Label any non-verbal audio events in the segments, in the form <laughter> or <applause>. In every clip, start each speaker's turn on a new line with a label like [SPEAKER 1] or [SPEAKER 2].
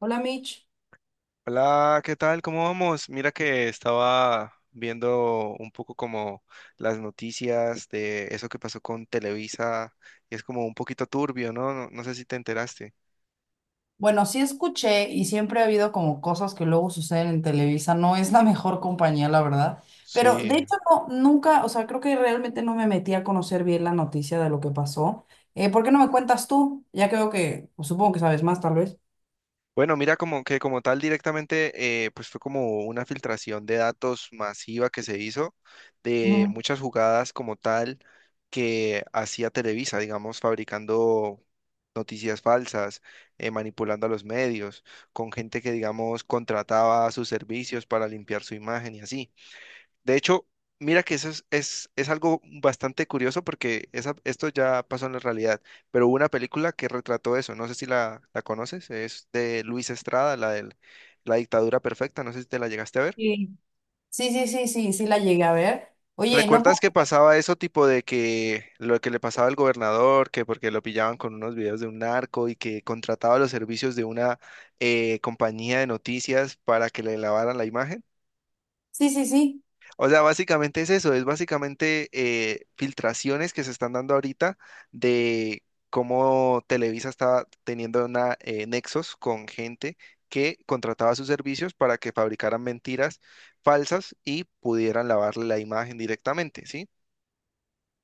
[SPEAKER 1] Hola Mitch.
[SPEAKER 2] Hola, ¿qué tal? ¿Cómo vamos? Mira que estaba viendo un poco como las noticias de eso que pasó con Televisa y es como un poquito turbio, ¿no? No sé si te enteraste.
[SPEAKER 1] Bueno, sí escuché y siempre ha habido como cosas que luego suceden en Televisa, no es la mejor compañía, la verdad, pero de
[SPEAKER 2] Sí.
[SPEAKER 1] hecho no, nunca, o sea, creo que realmente no me metí a conocer bien la noticia de lo que pasó. ¿Por qué no me cuentas tú? Ya creo que, pues, supongo que sabes más, tal vez.
[SPEAKER 2] Bueno, mira, como que como tal directamente, pues fue como una filtración de datos masiva que se hizo de
[SPEAKER 1] Ujú.
[SPEAKER 2] muchas jugadas como tal que hacía Televisa, digamos, fabricando noticias falsas, manipulando a los medios, con gente que, digamos, contrataba sus servicios para limpiar su imagen y así. De hecho, mira que eso es algo bastante curioso porque esa, esto ya pasó en la realidad, pero hubo una película que retrató eso, no sé si la conoces, es de Luis Estrada, la de La dictadura perfecta, no sé si te la llegaste a ver.
[SPEAKER 1] Sí. Sí, sí, sí, sí, sí la llegué a ver. Oye, no
[SPEAKER 2] ¿Recuerdas
[SPEAKER 1] puedo.
[SPEAKER 2] que pasaba eso tipo de que lo que le pasaba al gobernador, que porque lo pillaban con unos videos de un narco y que contrataba los servicios de una compañía de noticias para que le lavaran la imagen?
[SPEAKER 1] Sí, sí, sí.
[SPEAKER 2] O sea, básicamente es eso, es básicamente filtraciones que se están dando ahorita de cómo Televisa está teniendo una, nexos con gente que contrataba sus servicios para que fabricaran mentiras falsas y pudieran lavarle la imagen directamente, ¿sí?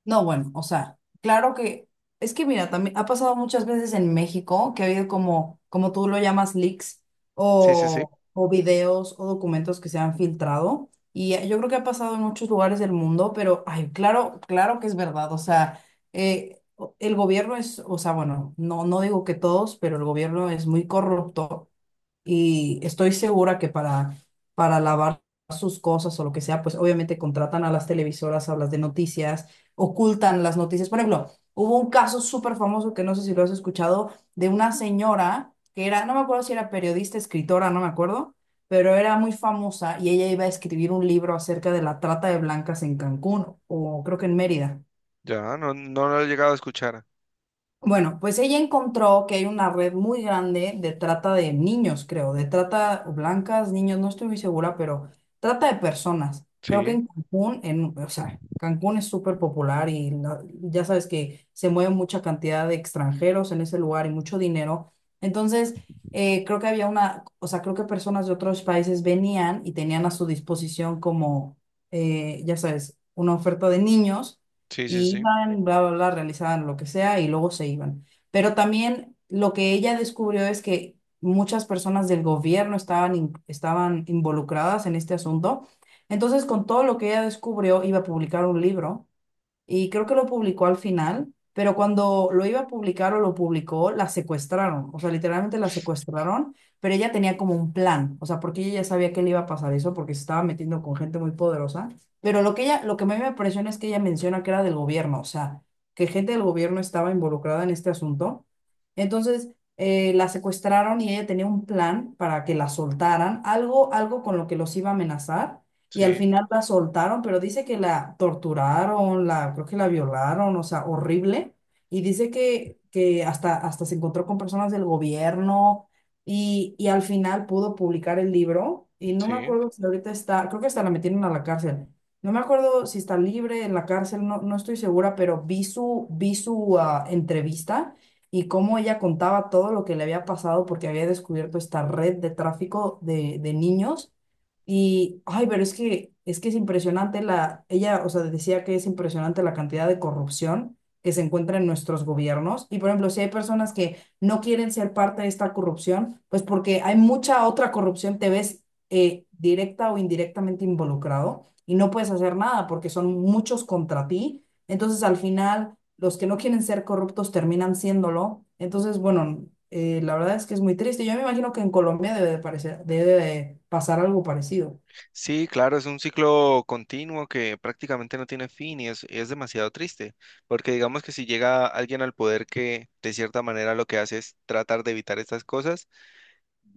[SPEAKER 1] No, bueno, o sea, claro que es que mira, también ha pasado muchas veces en México que ha habido como, como tú lo llamas, leaks
[SPEAKER 2] Sí, sí, sí.
[SPEAKER 1] o videos o documentos que se han filtrado. Y yo creo que ha pasado en muchos lugares del mundo, pero ay, claro, claro que es verdad. O sea, el gobierno es, o sea, bueno, no, no digo que todos, pero el gobierno es muy corrupto y estoy segura que para lavar sus cosas o lo que sea, pues obviamente contratan a las televisoras, a las de noticias, ocultan las noticias. Por ejemplo, hubo un caso súper famoso que no sé si lo has escuchado, de una señora que era, no me acuerdo si era periodista, escritora, no me acuerdo, pero era muy famosa y ella iba a escribir un libro acerca de la trata de blancas en Cancún o creo que en Mérida.
[SPEAKER 2] Ya, no lo he llegado a escuchar.
[SPEAKER 1] Bueno, pues ella encontró que hay una red muy grande de trata de niños, creo, de trata blancas, niños, no estoy muy segura, pero trata de personas. Creo que
[SPEAKER 2] Sí,
[SPEAKER 1] en Cancún, en, o sea, Cancún es súper popular y ya sabes que se mueve mucha cantidad de extranjeros en ese lugar y mucho dinero. Entonces, creo que había una, o sea, creo que personas de otros países venían y tenían a su disposición como, ya sabes, una oferta de niños
[SPEAKER 2] sí, sí,
[SPEAKER 1] y
[SPEAKER 2] sí,
[SPEAKER 1] iban, bla, bla, bla, realizaban lo que sea y luego se iban. Pero también lo que ella descubrió es que muchas personas del gobierno estaban involucradas en este asunto. Entonces, con todo lo que ella descubrió, iba a publicar un libro y creo que lo publicó al final, pero cuando lo iba a publicar o lo publicó, la secuestraron, o sea, literalmente la secuestraron, pero ella tenía como un plan, o sea, porque ella ya sabía que le iba a pasar eso, porque se estaba metiendo con gente muy poderosa, pero lo que ella, lo que a mí me impresiona es que ella menciona que era del gobierno, o sea, que gente del gobierno estaba involucrada en este asunto, entonces, la secuestraron y ella tenía un plan para que la soltaran, algo, algo con lo que los iba a amenazar, y al
[SPEAKER 2] sí,
[SPEAKER 1] final la soltaron, pero dice que la torturaron, la, creo que la violaron, o sea, horrible. Y dice que hasta, hasta se encontró con personas del gobierno y al final pudo publicar el libro. Y no me
[SPEAKER 2] sí.
[SPEAKER 1] acuerdo si ahorita está, creo que hasta la metieron a la cárcel. No me acuerdo si está libre en la cárcel, no, no estoy segura, pero vi su entrevista y cómo ella contaba todo lo que le había pasado porque había descubierto esta red de tráfico de niños y, ay, pero es que es que es impresionante la, ella, o sea, decía que es impresionante la cantidad de corrupción que se encuentra en nuestros gobiernos. Y, por ejemplo, si hay personas que no quieren ser parte de esta corrupción, pues porque hay mucha otra corrupción, te ves directa o indirectamente involucrado y no puedes hacer nada porque son muchos contra ti. Entonces, al final los que no quieren ser corruptos terminan siéndolo. Entonces, bueno, la verdad es que es muy triste. Yo me imagino que en Colombia debe de parecer, debe de pasar algo parecido.
[SPEAKER 2] Sí, claro, es un ciclo continuo que prácticamente no tiene fin y es demasiado triste, porque digamos que si llega alguien al poder que de cierta manera lo que hace es tratar de evitar estas cosas,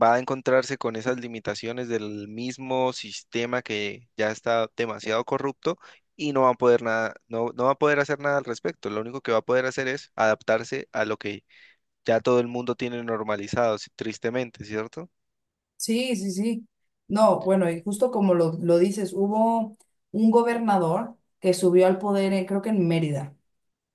[SPEAKER 2] va a encontrarse con esas limitaciones del mismo sistema que ya está demasiado corrupto y no va a poder nada, no va a poder hacer nada al respecto. Lo único que va a poder hacer es adaptarse a lo que ya todo el mundo tiene normalizado, sí, tristemente, ¿cierto?
[SPEAKER 1] Sí, sí, sí. No, bueno, y justo como lo dices, hubo un gobernador que subió al poder, creo que en Mérida.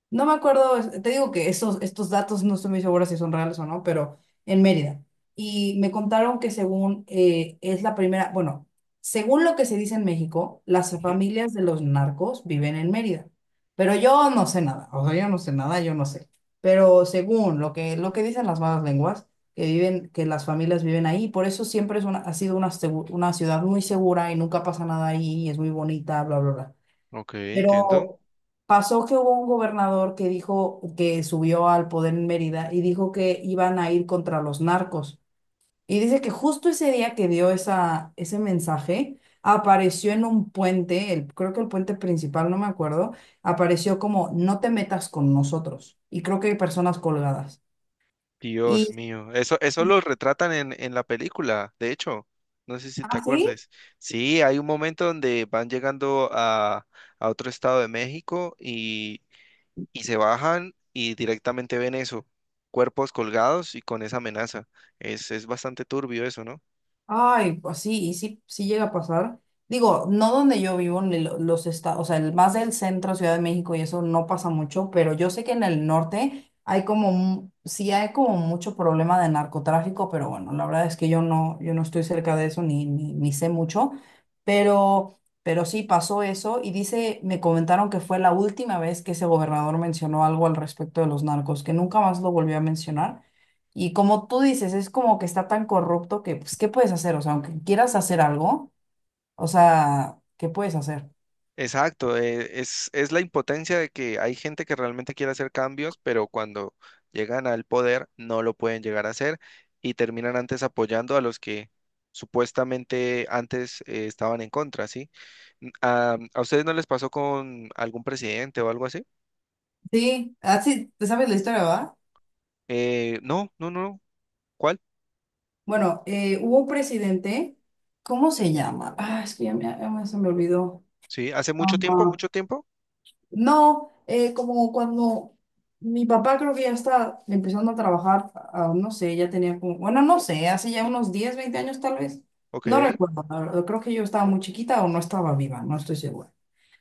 [SPEAKER 1] No me acuerdo, te digo que esos, estos datos no estoy muy segura si son reales o no, pero en Mérida. Y me contaron que según es la primera, bueno, según lo que se dice en México, las
[SPEAKER 2] Ujú.
[SPEAKER 1] familias de los narcos viven en Mérida. Pero yo no sé nada, o sea, yo no sé nada, yo no sé. Pero según lo que dicen las malas lenguas, que viven, que las familias viven ahí, por eso siempre es una, ha sido una, una ciudad muy segura y nunca pasa nada ahí, y es muy bonita, bla, bla, bla.
[SPEAKER 2] Ok, entiendo.
[SPEAKER 1] Pero pasó que hubo un gobernador que dijo que subió al poder en Mérida y dijo que iban a ir contra los narcos. Y dice que justo ese día que dio esa, ese mensaje, apareció en un puente, el, creo que el puente principal, no me acuerdo, apareció como no te metas con nosotros. Y creo que hay personas colgadas.
[SPEAKER 2] Dios
[SPEAKER 1] Y,
[SPEAKER 2] mío, eso lo retratan en la película, de hecho, no sé si te
[SPEAKER 1] ¿ah, sí?
[SPEAKER 2] acuerdes. Sí, hay un momento donde van llegando a otro estado de México y se bajan y directamente ven eso, cuerpos colgados y con esa amenaza. Es bastante turbio eso, ¿no?
[SPEAKER 1] Ay, pues sí, y sí, sí llega a pasar. Digo, no donde yo vivo, ni los estados, o sea, más del centro, Ciudad de México, y eso no pasa mucho, pero yo sé que en el norte hay como, sí hay como mucho problema de narcotráfico, pero bueno, la verdad es que yo no, yo no estoy cerca de eso, ni sé mucho, pero sí pasó eso, y dice, me comentaron que fue la última vez que ese gobernador mencionó algo al respecto de los narcos, que nunca más lo volvió a mencionar y como tú dices, es como que está tan corrupto que, pues, ¿qué puedes hacer? O sea, aunque quieras hacer algo, o sea, ¿qué puedes hacer?
[SPEAKER 2] Exacto, es la impotencia de que hay gente que realmente quiere hacer cambios, pero cuando llegan al poder no lo pueden llegar a hacer y terminan antes apoyando a los que supuestamente antes estaban en contra, ¿sí? A ustedes no les pasó con algún presidente o algo así?
[SPEAKER 1] Sí, así, te sabes la historia, ¿va?
[SPEAKER 2] Eh, no. ¿Cuál?
[SPEAKER 1] Bueno, hubo un presidente, ¿cómo se llama? Ah, es que se me olvidó.
[SPEAKER 2] Sí, hace
[SPEAKER 1] Ah,
[SPEAKER 2] mucho tiempo, mucho tiempo.
[SPEAKER 1] no, como cuando mi papá creo que ya está empezando a trabajar, no sé, ya tenía como, bueno, no sé, hace ya unos 10 20 años tal vez.
[SPEAKER 2] Ok,
[SPEAKER 1] No recuerdo, la verdad, creo que yo estaba muy chiquita o no estaba viva, no estoy segura.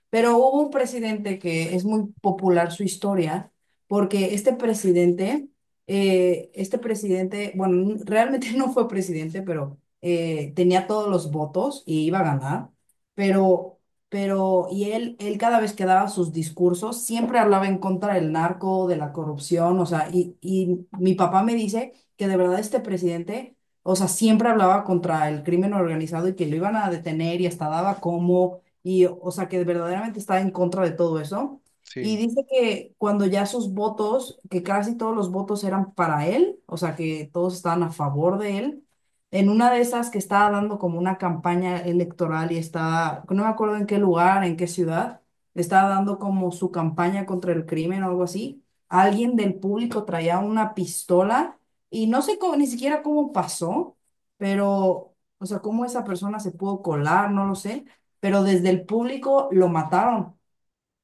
[SPEAKER 1] Pero hubo un presidente que es muy popular su historia, porque este presidente, bueno, realmente <laughs> no fue presidente, pero tenía todos los votos y iba a ganar, pero, pero, y él cada vez que daba sus discursos, siempre hablaba en contra del narco, de la corrupción, o sea, y mi papá me dice que de verdad este presidente. O sea, siempre hablaba contra el crimen organizado y que lo iban a detener y hasta daba como y o sea que verdaderamente está en contra de todo eso. Y
[SPEAKER 2] sí.
[SPEAKER 1] dice que cuando ya sus votos, que casi todos los votos eran para él, o sea que todos estaban a favor de él, en una de esas que estaba dando como una campaña electoral y estaba, no me acuerdo en qué lugar, en qué ciudad, estaba dando como su campaña contra el crimen o algo así, alguien del público traía una pistola y no sé cómo, ni siquiera cómo pasó, pero, o sea, cómo esa persona se pudo colar, no lo sé, pero desde el público lo mataron.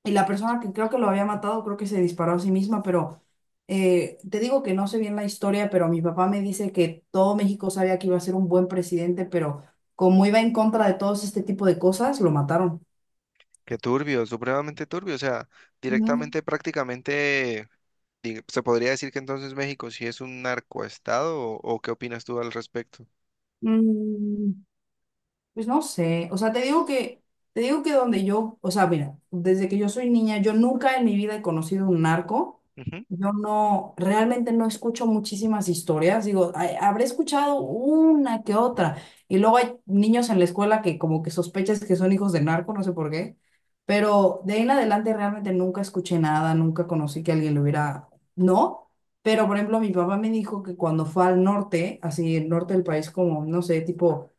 [SPEAKER 1] Y la persona que creo que lo había matado, creo que se disparó a sí misma, pero te digo que no sé bien la historia, pero mi papá me dice que todo México sabía que iba a ser un buen presidente, pero como iba en contra de todos este tipo de cosas, lo mataron.
[SPEAKER 2] Qué turbio, supremamente turbio. O sea,
[SPEAKER 1] Ujú.
[SPEAKER 2] directamente, prácticamente, se podría decir que entonces México sí es un narcoestado o qué opinas tú al respecto.
[SPEAKER 1] Mm, Pues no sé, o sea, te digo que donde yo, o sea, mira, desde que yo soy niña, yo nunca en mi vida he conocido un narco.
[SPEAKER 2] Ujú.
[SPEAKER 1] Yo no, realmente no escucho muchísimas historias. Digo, "Ay, habré escuchado una que otra. Y luego hay niños en la escuela que como que sospechas que son hijos de narco, no sé por qué. Pero de ahí en adelante realmente nunca escuché nada, nunca conocí que alguien lo hubiera, ¿no? Pero, por ejemplo, mi papá me dijo que cuando fue al norte, así el norte del país, como, no sé, tipo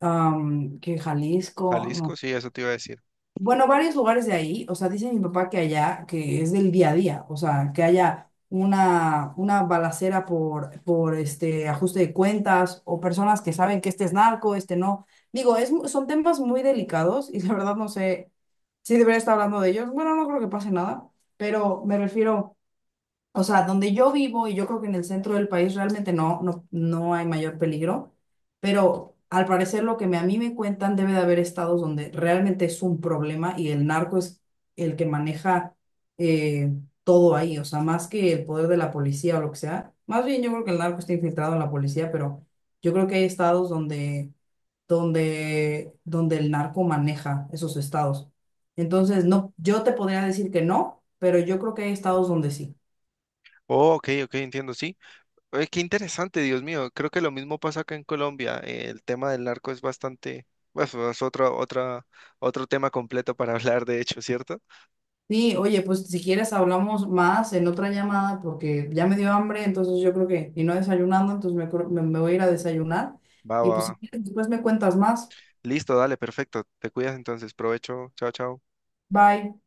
[SPEAKER 1] que Jalisco,
[SPEAKER 2] Jalisco,
[SPEAKER 1] no.
[SPEAKER 2] sí, eso te iba a decir.
[SPEAKER 1] Bueno, varios lugares de ahí, o sea, dice mi papá que allá, que es del día a día, o sea, que haya una balacera por este ajuste de cuentas o personas que saben que este es narco, este no. Digo, son temas muy delicados y la verdad no sé si debería estar hablando de ellos. Bueno, no creo que pase nada, pero me refiero, o sea, donde yo vivo, y yo creo que en el centro del país realmente no, no, no hay mayor peligro, pero al parecer lo que a mí me cuentan debe de haber estados donde realmente es un problema y el narco es el que maneja eh, todo ahí, o sea, más que el poder de la policía o lo que sea. Más bien yo creo que el narco está infiltrado en la policía, pero yo creo que hay estados donde, donde, donde el narco maneja esos estados. Entonces, no, yo te podría decir que no, pero yo creo que hay estados donde sí.
[SPEAKER 2] Oh, ok, ok, entiendo, sí. Oye, qué interesante, Dios mío. Creo que lo mismo pasa acá en Colombia. El tema del narco es bastante, bueno, es otro, otra, otro tema completo para <laughs> hablar, de hecho, ¿cierto?
[SPEAKER 1] Sí, oye, pues si quieres hablamos más en otra llamada porque ya me dio hambre, entonces yo creo que, y no desayunando, entonces me, creo- me me voy a ir a desayunar.
[SPEAKER 2] Va,
[SPEAKER 1] Y
[SPEAKER 2] va,
[SPEAKER 1] pues
[SPEAKER 2] va.
[SPEAKER 1] si quieres, después me cuentas más.
[SPEAKER 2] Listo, dale, perfecto. Te cuidas entonces. Provecho. Chao, chao.
[SPEAKER 1] Bye.